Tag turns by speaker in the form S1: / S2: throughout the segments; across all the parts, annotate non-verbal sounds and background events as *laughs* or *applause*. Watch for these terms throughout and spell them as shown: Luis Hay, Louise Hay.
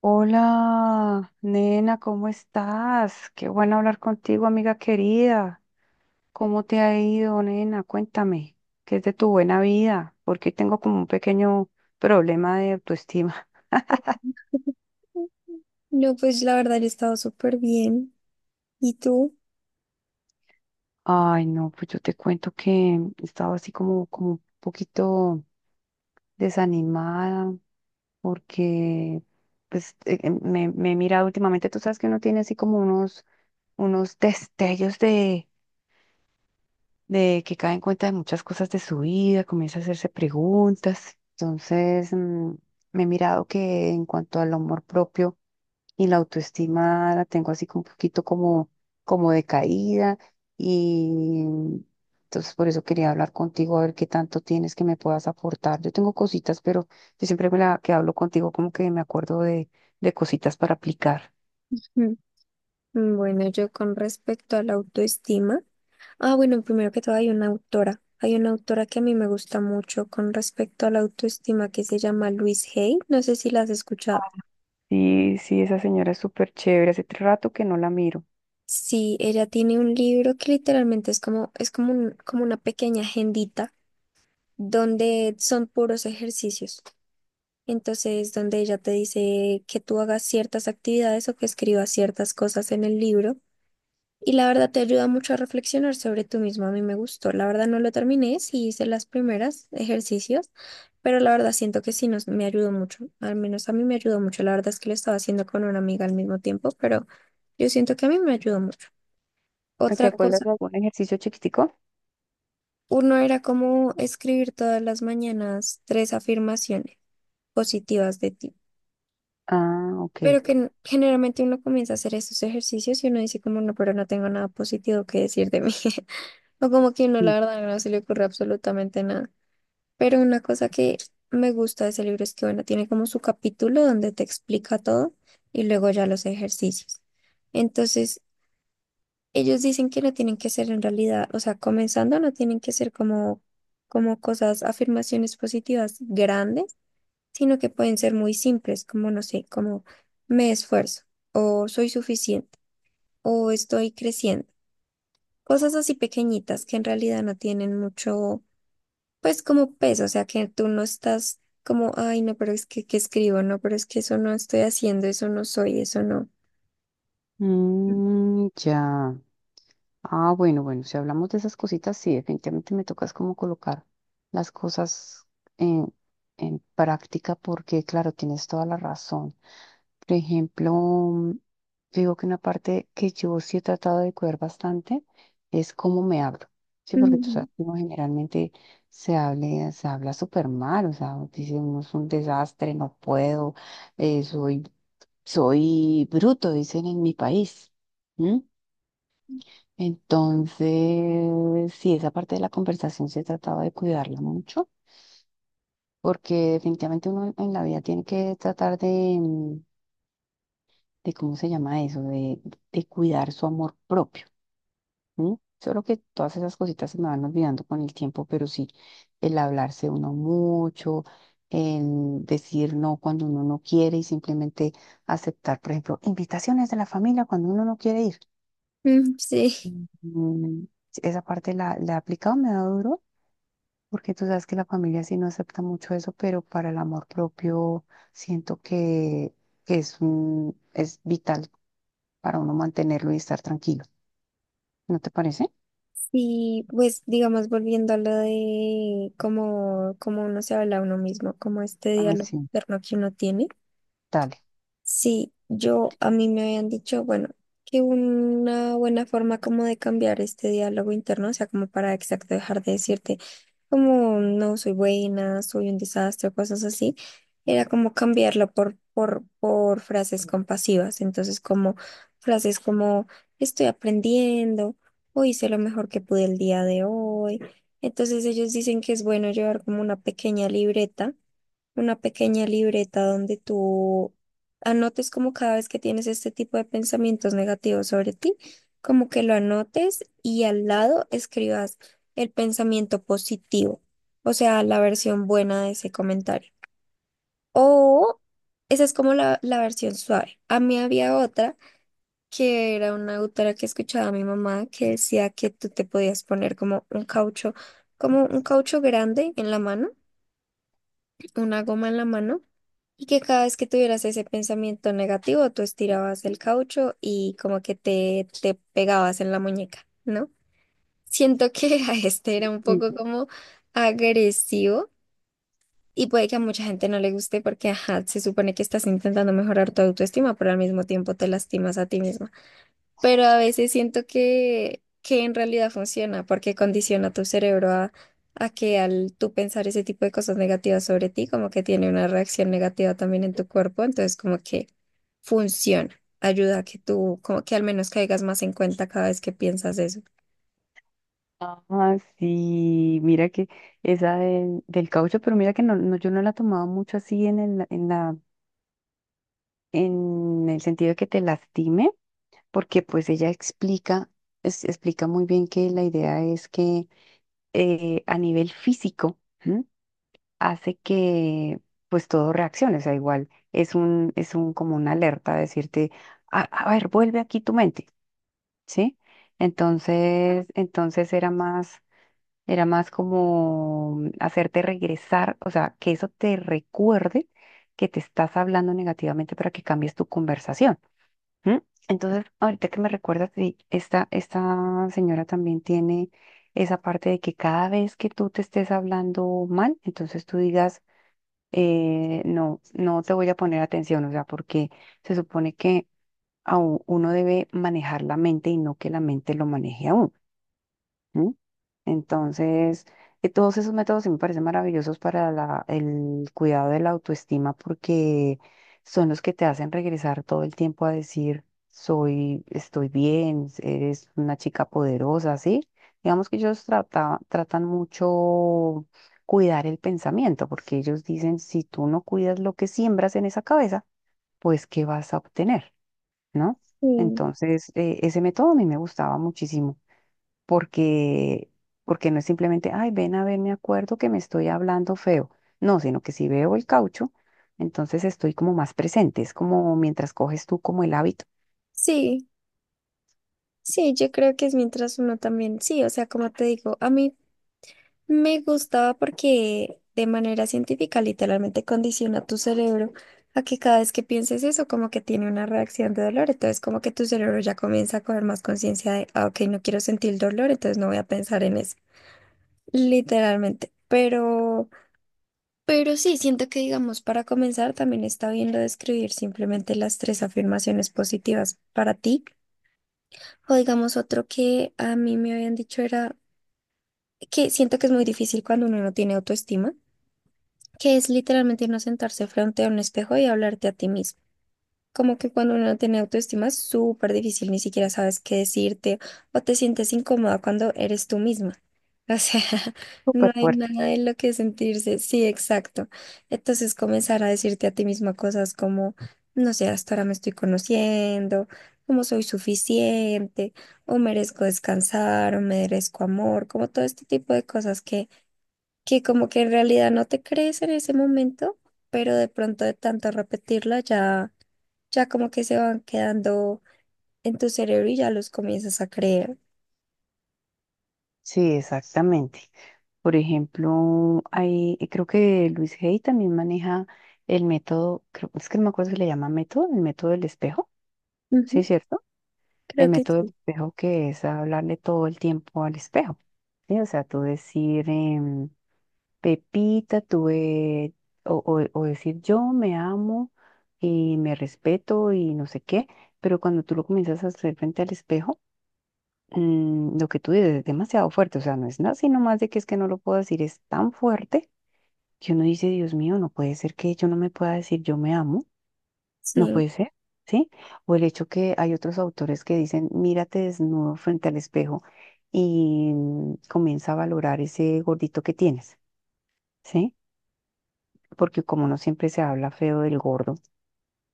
S1: Hola, nena, ¿cómo estás? Qué bueno hablar contigo, amiga querida. ¿Cómo te ha ido, nena? Cuéntame, ¿qué es de tu buena vida? Porque tengo como un pequeño problema de autoestima.
S2: No, pues la verdad yo he estado súper bien. ¿Y tú?
S1: *laughs* Ay, no, pues yo te cuento que estaba así como, como un poquito desanimada porque pues, me he mirado últimamente, tú sabes que uno tiene así como unos, unos destellos de que cae en cuenta de muchas cosas de su vida, comienza a hacerse preguntas. Entonces, me he mirado que en cuanto al amor propio y la autoestima la tengo así como un poquito como, como decaída, y entonces por eso quería hablar contigo a ver qué tanto tienes que me puedas aportar. Yo tengo cositas, pero yo siempre que hablo contigo como que me acuerdo de cositas para aplicar.
S2: Mm. Bueno, yo con respecto a la autoestima. Ah, bueno, primero que todo hay una autora. Hay una autora que a mí me gusta mucho con respecto a la autoestima que se llama Louise Hay. No sé si la has escuchado.
S1: Sí, sí, esa señora es súper chévere. Hace rato que no la miro.
S2: Sí, ella tiene un libro que literalmente es como como una pequeña agendita donde son puros ejercicios. Entonces, donde ella te dice que tú hagas ciertas actividades o que escribas ciertas cosas en el libro. Y la verdad te ayuda mucho a reflexionar sobre tú mismo. A mí me gustó. La verdad no lo terminé, sí hice las primeras ejercicios, pero la verdad siento que me ayudó mucho. Al menos a mí me ayudó mucho. La verdad es que lo estaba haciendo con una amiga al mismo tiempo, pero yo siento que a mí me ayudó mucho.
S1: ¿Te
S2: Otra
S1: acuerdas
S2: cosa,
S1: de algún ejercicio chiquitico?
S2: uno era como escribir todas las mañanas tres afirmaciones positivas de ti.
S1: Ah, ok.
S2: Pero que generalmente uno comienza a hacer estos ejercicios y uno dice como no, pero no tengo nada positivo que decir de mí. *laughs* O como que no,
S1: Mm.
S2: la verdad, no se le ocurre absolutamente nada. Pero una cosa que me gusta de ese libro es que, bueno, tiene como su capítulo donde te explica todo y luego ya los ejercicios. Entonces, ellos dicen que no tienen que ser en realidad, o sea, comenzando no tienen que ser como, como cosas, afirmaciones positivas grandes, sino que pueden ser muy simples, como, no sé, como me esfuerzo o soy suficiente o estoy creciendo. Cosas así pequeñitas que en realidad no tienen mucho pues como peso, o sea, que tú no estás como, ay, no, pero es que escribo, no, pero es que eso no estoy haciendo, eso no soy, eso no. Mm.
S1: Mm, ya. Ah, bueno, bueno, si hablamos de esas cositas, sí, definitivamente me tocas como colocar las cosas en, en práctica porque, claro, tienes toda la razón. Por ejemplo, digo que una parte que yo sí he tratado de cuidar bastante es cómo me hablo. Sí, porque tú
S2: Ujú.
S1: sabes que uno generalmente se habla súper mal, o sea, dice uno es un desastre, no puedo, eh, soy soy bruto, dicen en mi país. ¿M? Entonces, sí, esa parte de la conversación se trataba de cuidarla mucho, porque definitivamente uno en la vida tiene que tratar de, de ¿cómo se llama eso? De cuidar su amor propio. ¿M? Solo que todas esas cositas se me van olvidando con el tiempo, pero sí, el hablarse uno mucho, el decir no cuando uno no quiere y simplemente aceptar, por ejemplo, invitaciones de la familia cuando uno no quiere ir.
S2: Mm. Sí.
S1: Mm, sí. Esa parte la, la he aplicado, me da duro, porque tú sabes que la familia sí no acepta mucho eso, pero para el amor propio siento que es, es vital para uno mantenerlo y estar tranquilo. ¿No te parece?
S2: Sí, pues digamos, volviendo a lo de cómo, cómo uno se habla a uno mismo, como este
S1: Ah,
S2: diálogo
S1: sí.
S2: interno que uno tiene.
S1: Dale.
S2: Sí, yo a mí me habían dicho, bueno, que una buena forma como de cambiar este diálogo interno, o sea, como para exacto dejar de decirte como no soy buena, soy un desastre, o cosas así, era como cambiarlo por frases compasivas. Entonces, como frases como estoy aprendiendo, o hice lo mejor que pude el día de hoy. Entonces, ellos dicen que es bueno llevar como una pequeña libreta donde tú anotes como cada vez que tienes este tipo de pensamientos negativos sobre ti, como que lo anotes y al lado escribas el pensamiento positivo, o sea, la versión buena de ese comentario. O esa es como la versión suave. A mí había otra que era una autora que escuchaba a mi mamá que decía que tú te podías poner como un caucho grande en la mano, una goma en la mano, y que cada vez que tuvieras ese pensamiento negativo, tú estirabas el caucho y como que te pegabas en la muñeca, ¿no? Siento que *laughs* a este era un
S1: Mm.
S2: poco como agresivo y puede que a mucha gente no le guste porque, ajá, se supone que estás intentando mejorar tu autoestima, pero al mismo tiempo te lastimas a ti misma, pero a veces siento que en realidad funciona porque condiciona tu cerebro a que al tú pensar ese tipo de cosas negativas sobre ti, como que tiene una reacción negativa también en tu cuerpo, entonces como que funciona, ayuda a que tú, como que al menos caigas más en cuenta cada vez que piensas eso.
S1: Ah, sí, mira que esa del, del caucho, pero mira que no, no, yo no la tomaba mucho así en el, en la, en el sentido de que te lastime, porque pues ella explica, explica muy bien que la idea es que a nivel físico, ¿m? Hace que pues todo reaccione, o sea, igual es un como una alerta a decirte, a ver, vuelve aquí tu mente, ¿sí? Entonces, entonces era más como hacerte regresar, o sea, que eso te recuerde que te estás hablando negativamente para que cambies tu conversación. ¿Mm? Entonces, ahorita que me recuerdas, sí, esta señora también tiene esa parte de que cada vez que tú te estés hablando mal, entonces tú digas, no, no te voy a poner atención, o sea, porque se supone que uno debe manejar la mente y no que la mente lo maneje a uno. ¿Mm? Entonces, todos esos métodos sí me parecen maravillosos para el cuidado de la autoestima porque son los que te hacen regresar todo el tiempo a decir, soy, estoy bien, eres una chica poderosa, ¿sí? Digamos que ellos tratan mucho cuidar el pensamiento porque ellos dicen, si tú no cuidas lo que siembras en esa cabeza, pues ¿qué vas a obtener? ¿No?
S2: Sí.
S1: Entonces, ese método a mí me gustaba muchísimo porque, porque no es simplemente, ay, ven a ver, me acuerdo que me estoy hablando feo. No, sino que si veo el caucho, entonces estoy como más presente. Es como mientras coges tú como el hábito.
S2: Sí, sí, yo creo que es mientras uno también, sí, o sea, como te digo, a mí me gustaba porque de manera científica literalmente condiciona tu cerebro a que cada vez que pienses eso como que tiene una reacción de dolor, entonces como que tu cerebro ya comienza a coger más conciencia de, ah, ok, no quiero sentir dolor, entonces no voy a pensar en eso, literalmente. Pero sí, siento que digamos, para comenzar también está bien lo de escribir simplemente las tres afirmaciones positivas para ti. O digamos otro que a mí me habían dicho era que siento que es muy difícil cuando uno no tiene autoestima, que es literalmente no sentarse frente a un espejo y hablarte a ti mismo. Como que cuando uno no tiene autoestima es súper difícil, ni siquiera sabes qué decirte o te sientes incómoda cuando eres tú misma. O sea, *laughs* no
S1: Súper
S2: hay
S1: fuerte.
S2: nada de lo que sentirse. Sí, exacto. Entonces comenzar a decirte a ti misma cosas como, no sé, hasta ahora me estoy conociendo, como soy suficiente, o merezco descansar, o merezco amor, como todo este tipo de cosas que como que en realidad no te crees en ese momento, pero de pronto de tanto repetirla ya, ya como que se van quedando en tu cerebro y ya los comienzas a creer.
S1: Sí, exactamente. Por ejemplo, hay, creo que Luis Hay también maneja el método, creo, es que no me acuerdo si le llama método, el método del espejo, ¿sí es
S2: Ujú.
S1: cierto? El
S2: Creo que
S1: método del
S2: sí.
S1: espejo que es hablarle todo el tiempo al espejo, ¿sí? O sea, tú decir, Pepita, tuve, o, o decir yo me amo y me respeto y no sé qué, pero cuando tú lo comienzas a hacer frente al espejo, lo que tú dices es demasiado fuerte, o sea, no es nada, sino más de que es que no lo puedo decir, es tan fuerte que uno dice, Dios mío, no puede ser que yo no me pueda decir yo me amo, no
S2: Sí,
S1: puede ser, ¿sí? O el hecho que hay otros autores que dicen, mírate desnudo frente al espejo y comienza a valorar ese gordito que tienes, ¿sí? Porque como no siempre se habla feo del gordo,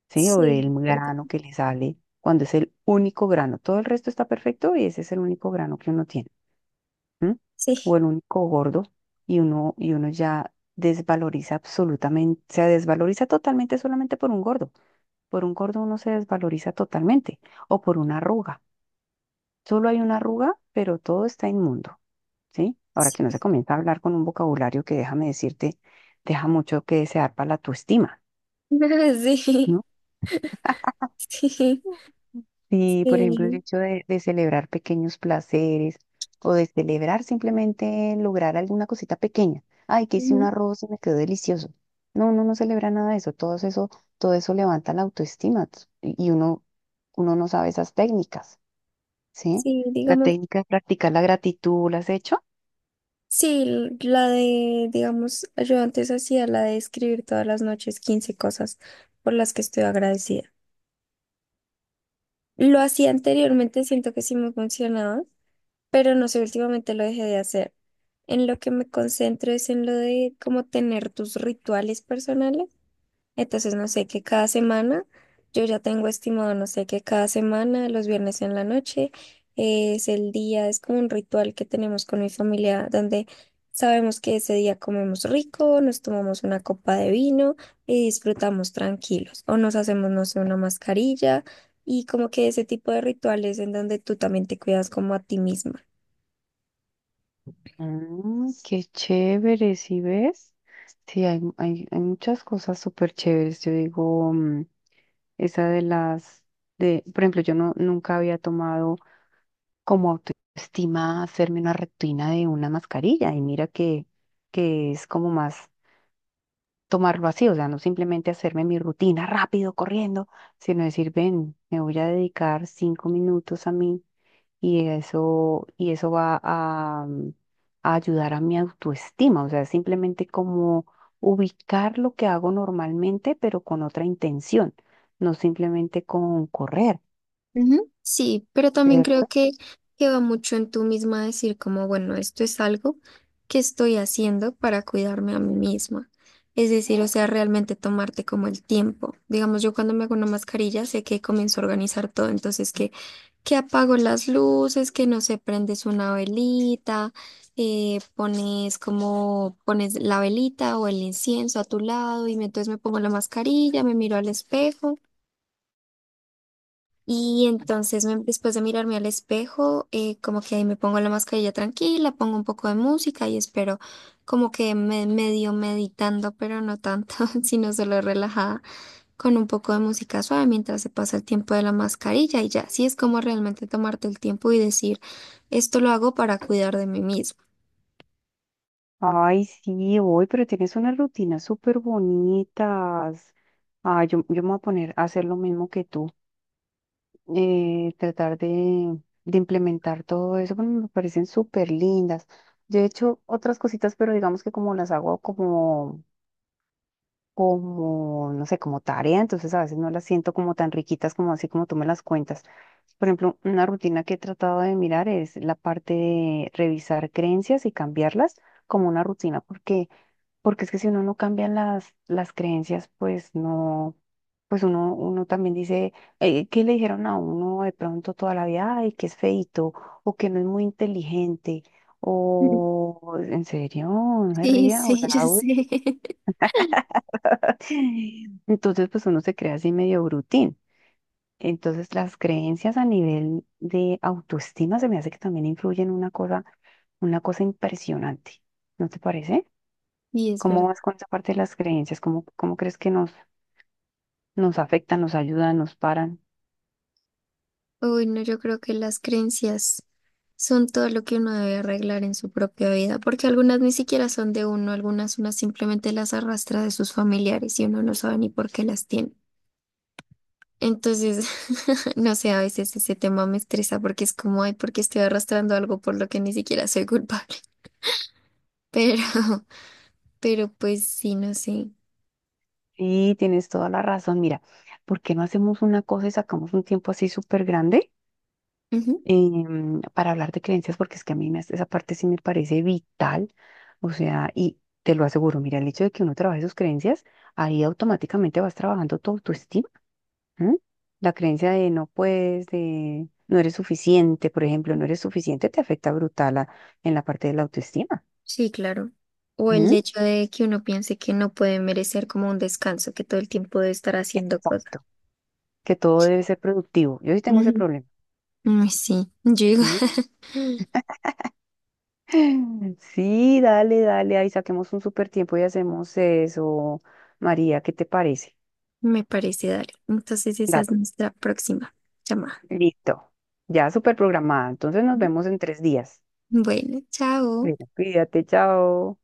S1: ¿sí? O del
S2: sí, perdón.
S1: grano que le sale, cuando es el único grano, todo el resto está perfecto y ese es el único grano que uno tiene, ¿m? O
S2: Sí,
S1: el único gordo y uno ya desvaloriza absolutamente, se desvaloriza totalmente solamente por un gordo. Por un gordo uno se desvaloriza totalmente o por una arruga. Solo hay una arruga, pero todo está inmundo, ¿sí? Ahora que no
S2: sí.
S1: se comienza a hablar con un vocabulario que déjame decirte, deja mucho que desear para la autoestima.
S2: *laughs* Sí,
S1: ¿No?
S2: sí,
S1: Sí, por ejemplo, el
S2: sí.
S1: hecho de celebrar pequeños placeres o de celebrar simplemente lograr alguna cosita pequeña. Ay, que hice un
S2: Ujú.
S1: arroz y me quedó delicioso. No, uno no celebra nada de eso. Todo eso, todo eso levanta la autoestima y uno, uno no sabe esas técnicas, ¿sí?
S2: Sí,
S1: La
S2: digamos,
S1: técnica de practicar la gratitud, ¿la has hecho?
S2: sí, la de, digamos, yo antes hacía la de escribir todas las noches 15 cosas por las que estoy agradecida. Lo hacía anteriormente, siento que sí me funcionaba, pero no sé, últimamente lo dejé de hacer. En lo que me concentro es en lo de cómo tener tus rituales personales. Entonces, no sé, que cada semana, yo ya tengo estimado, no sé, que cada semana, los viernes en la noche, es el día, es como un ritual que tenemos con mi familia, donde sabemos que ese día comemos rico, nos tomamos una copa de vino y disfrutamos tranquilos. O nos hacemos, no sé, una mascarilla y como que ese tipo de rituales en donde tú también te cuidas como a ti misma.
S1: Mm, qué chévere, ¿sí ves? Sí, hay muchas cosas súper chéveres. Yo digo, esa de las, de, por ejemplo, yo no, nunca había tomado como autoestima hacerme una rutina de una mascarilla y mira que es como más tomarlo así, o sea, no simplemente hacerme mi rutina rápido, corriendo, sino decir, ven, me voy a dedicar 5 minutos a mí, y eso va a, a ayudar a mi autoestima, o sea, simplemente como ubicar lo que hago normalmente, pero con otra intención, no simplemente con correr.
S2: Ujú. Sí, pero también creo
S1: ¿Cierto?
S2: que va mucho en tú misma decir como, bueno, esto es algo que estoy haciendo para cuidarme a mí misma. Es decir, o sea, realmente tomarte como el tiempo. Digamos, yo cuando me hago una mascarilla sé que comienzo a organizar todo, entonces que apago las luces, que no sé, prendes una velita, pones como, pones la velita o el incienso a tu lado y entonces me pongo la mascarilla, me miro al espejo. Y entonces después de mirarme al espejo, como que ahí me pongo la mascarilla tranquila, pongo un poco de música y espero como que me medio meditando, pero no tanto, *laughs* sino solo relajada, con un poco de música suave mientras se pasa el tiempo de la mascarilla y ya, así es como realmente tomarte el tiempo y decir, esto lo hago para cuidar de mí mismo.
S1: Ay, sí, voy, pero tienes unas rutinas súper bonitas. Ah, yo me voy a poner a hacer lo mismo que tú, tratar de implementar todo eso, porque me parecen súper lindas. Yo he hecho otras cositas, pero digamos que como las hago como, como, no sé, como tarea, entonces a veces no las siento como tan riquitas como así como tú me las cuentas. Por ejemplo, una rutina que he tratado de mirar es la parte de revisar creencias y cambiarlas como una rutina, porque... Porque es que si uno no cambia las creencias, pues no, pues uno, uno también dice, ¿qué le dijeron a uno de pronto toda la vida? Ay, que es feíto, o que no es muy inteligente,
S2: *laughs*
S1: o en serio, no se
S2: Sí,
S1: ría, o la
S2: sí, yo sé. *laughs*
S1: *laughs* Entonces, pues uno se crea así medio brutín. Entonces, las creencias a nivel de autoestima se me hace que también influyen una cosa impresionante. ¿No te parece?
S2: Y es
S1: ¿Cómo
S2: verdad.
S1: vas con esa parte de las creencias? ¿Cómo, cómo crees que nos, nos afectan, nos ayudan, nos paran?
S2: Uy, no, yo creo que las creencias son todo lo que uno debe arreglar en su propia vida, porque algunas ni siquiera son de uno, algunas uno simplemente las arrastra de sus familiares y uno no sabe ni por qué las tiene. Entonces, *laughs* no sé, a veces ese tema me estresa porque es como, ay, porque estoy arrastrando algo por lo que ni siquiera soy culpable. *laughs* Pero, pero pues sí, no sé.
S1: Sí, tienes toda la razón. Mira, ¿por qué no hacemos una cosa y sacamos un tiempo así súper grande,
S2: Ujú.
S1: para hablar de creencias? Porque es que a mí esa parte sí me parece vital. O sea, y te lo aseguro, mira, el hecho de que uno trabaje sus creencias, ahí automáticamente vas trabajando tu autoestima. ¿M? La creencia de no puedes, de no eres suficiente, por ejemplo, no eres suficiente, te afecta brutal en la parte de la autoestima.
S2: Sí, claro. O el
S1: ¿M?
S2: hecho de que uno piense que no puede merecer como un descanso, que todo el tiempo debe estar haciendo cosas.
S1: Exacto. Que todo debe ser productivo. Yo sí tengo ese problema.
S2: Ay, sí, yo digo,
S1: ¿Mm?
S2: *laughs*
S1: *laughs* Sí, dale, dale, ahí saquemos un súper tiempo y hacemos eso. María, ¿qué te parece?
S2: me parece, dale. Entonces esa
S1: Dale,
S2: es nuestra próxima llamada.
S1: listo. Ya súper programada. Entonces nos vemos en 3 días.
S2: Bueno, chao.
S1: Bueno, cuídate, chao.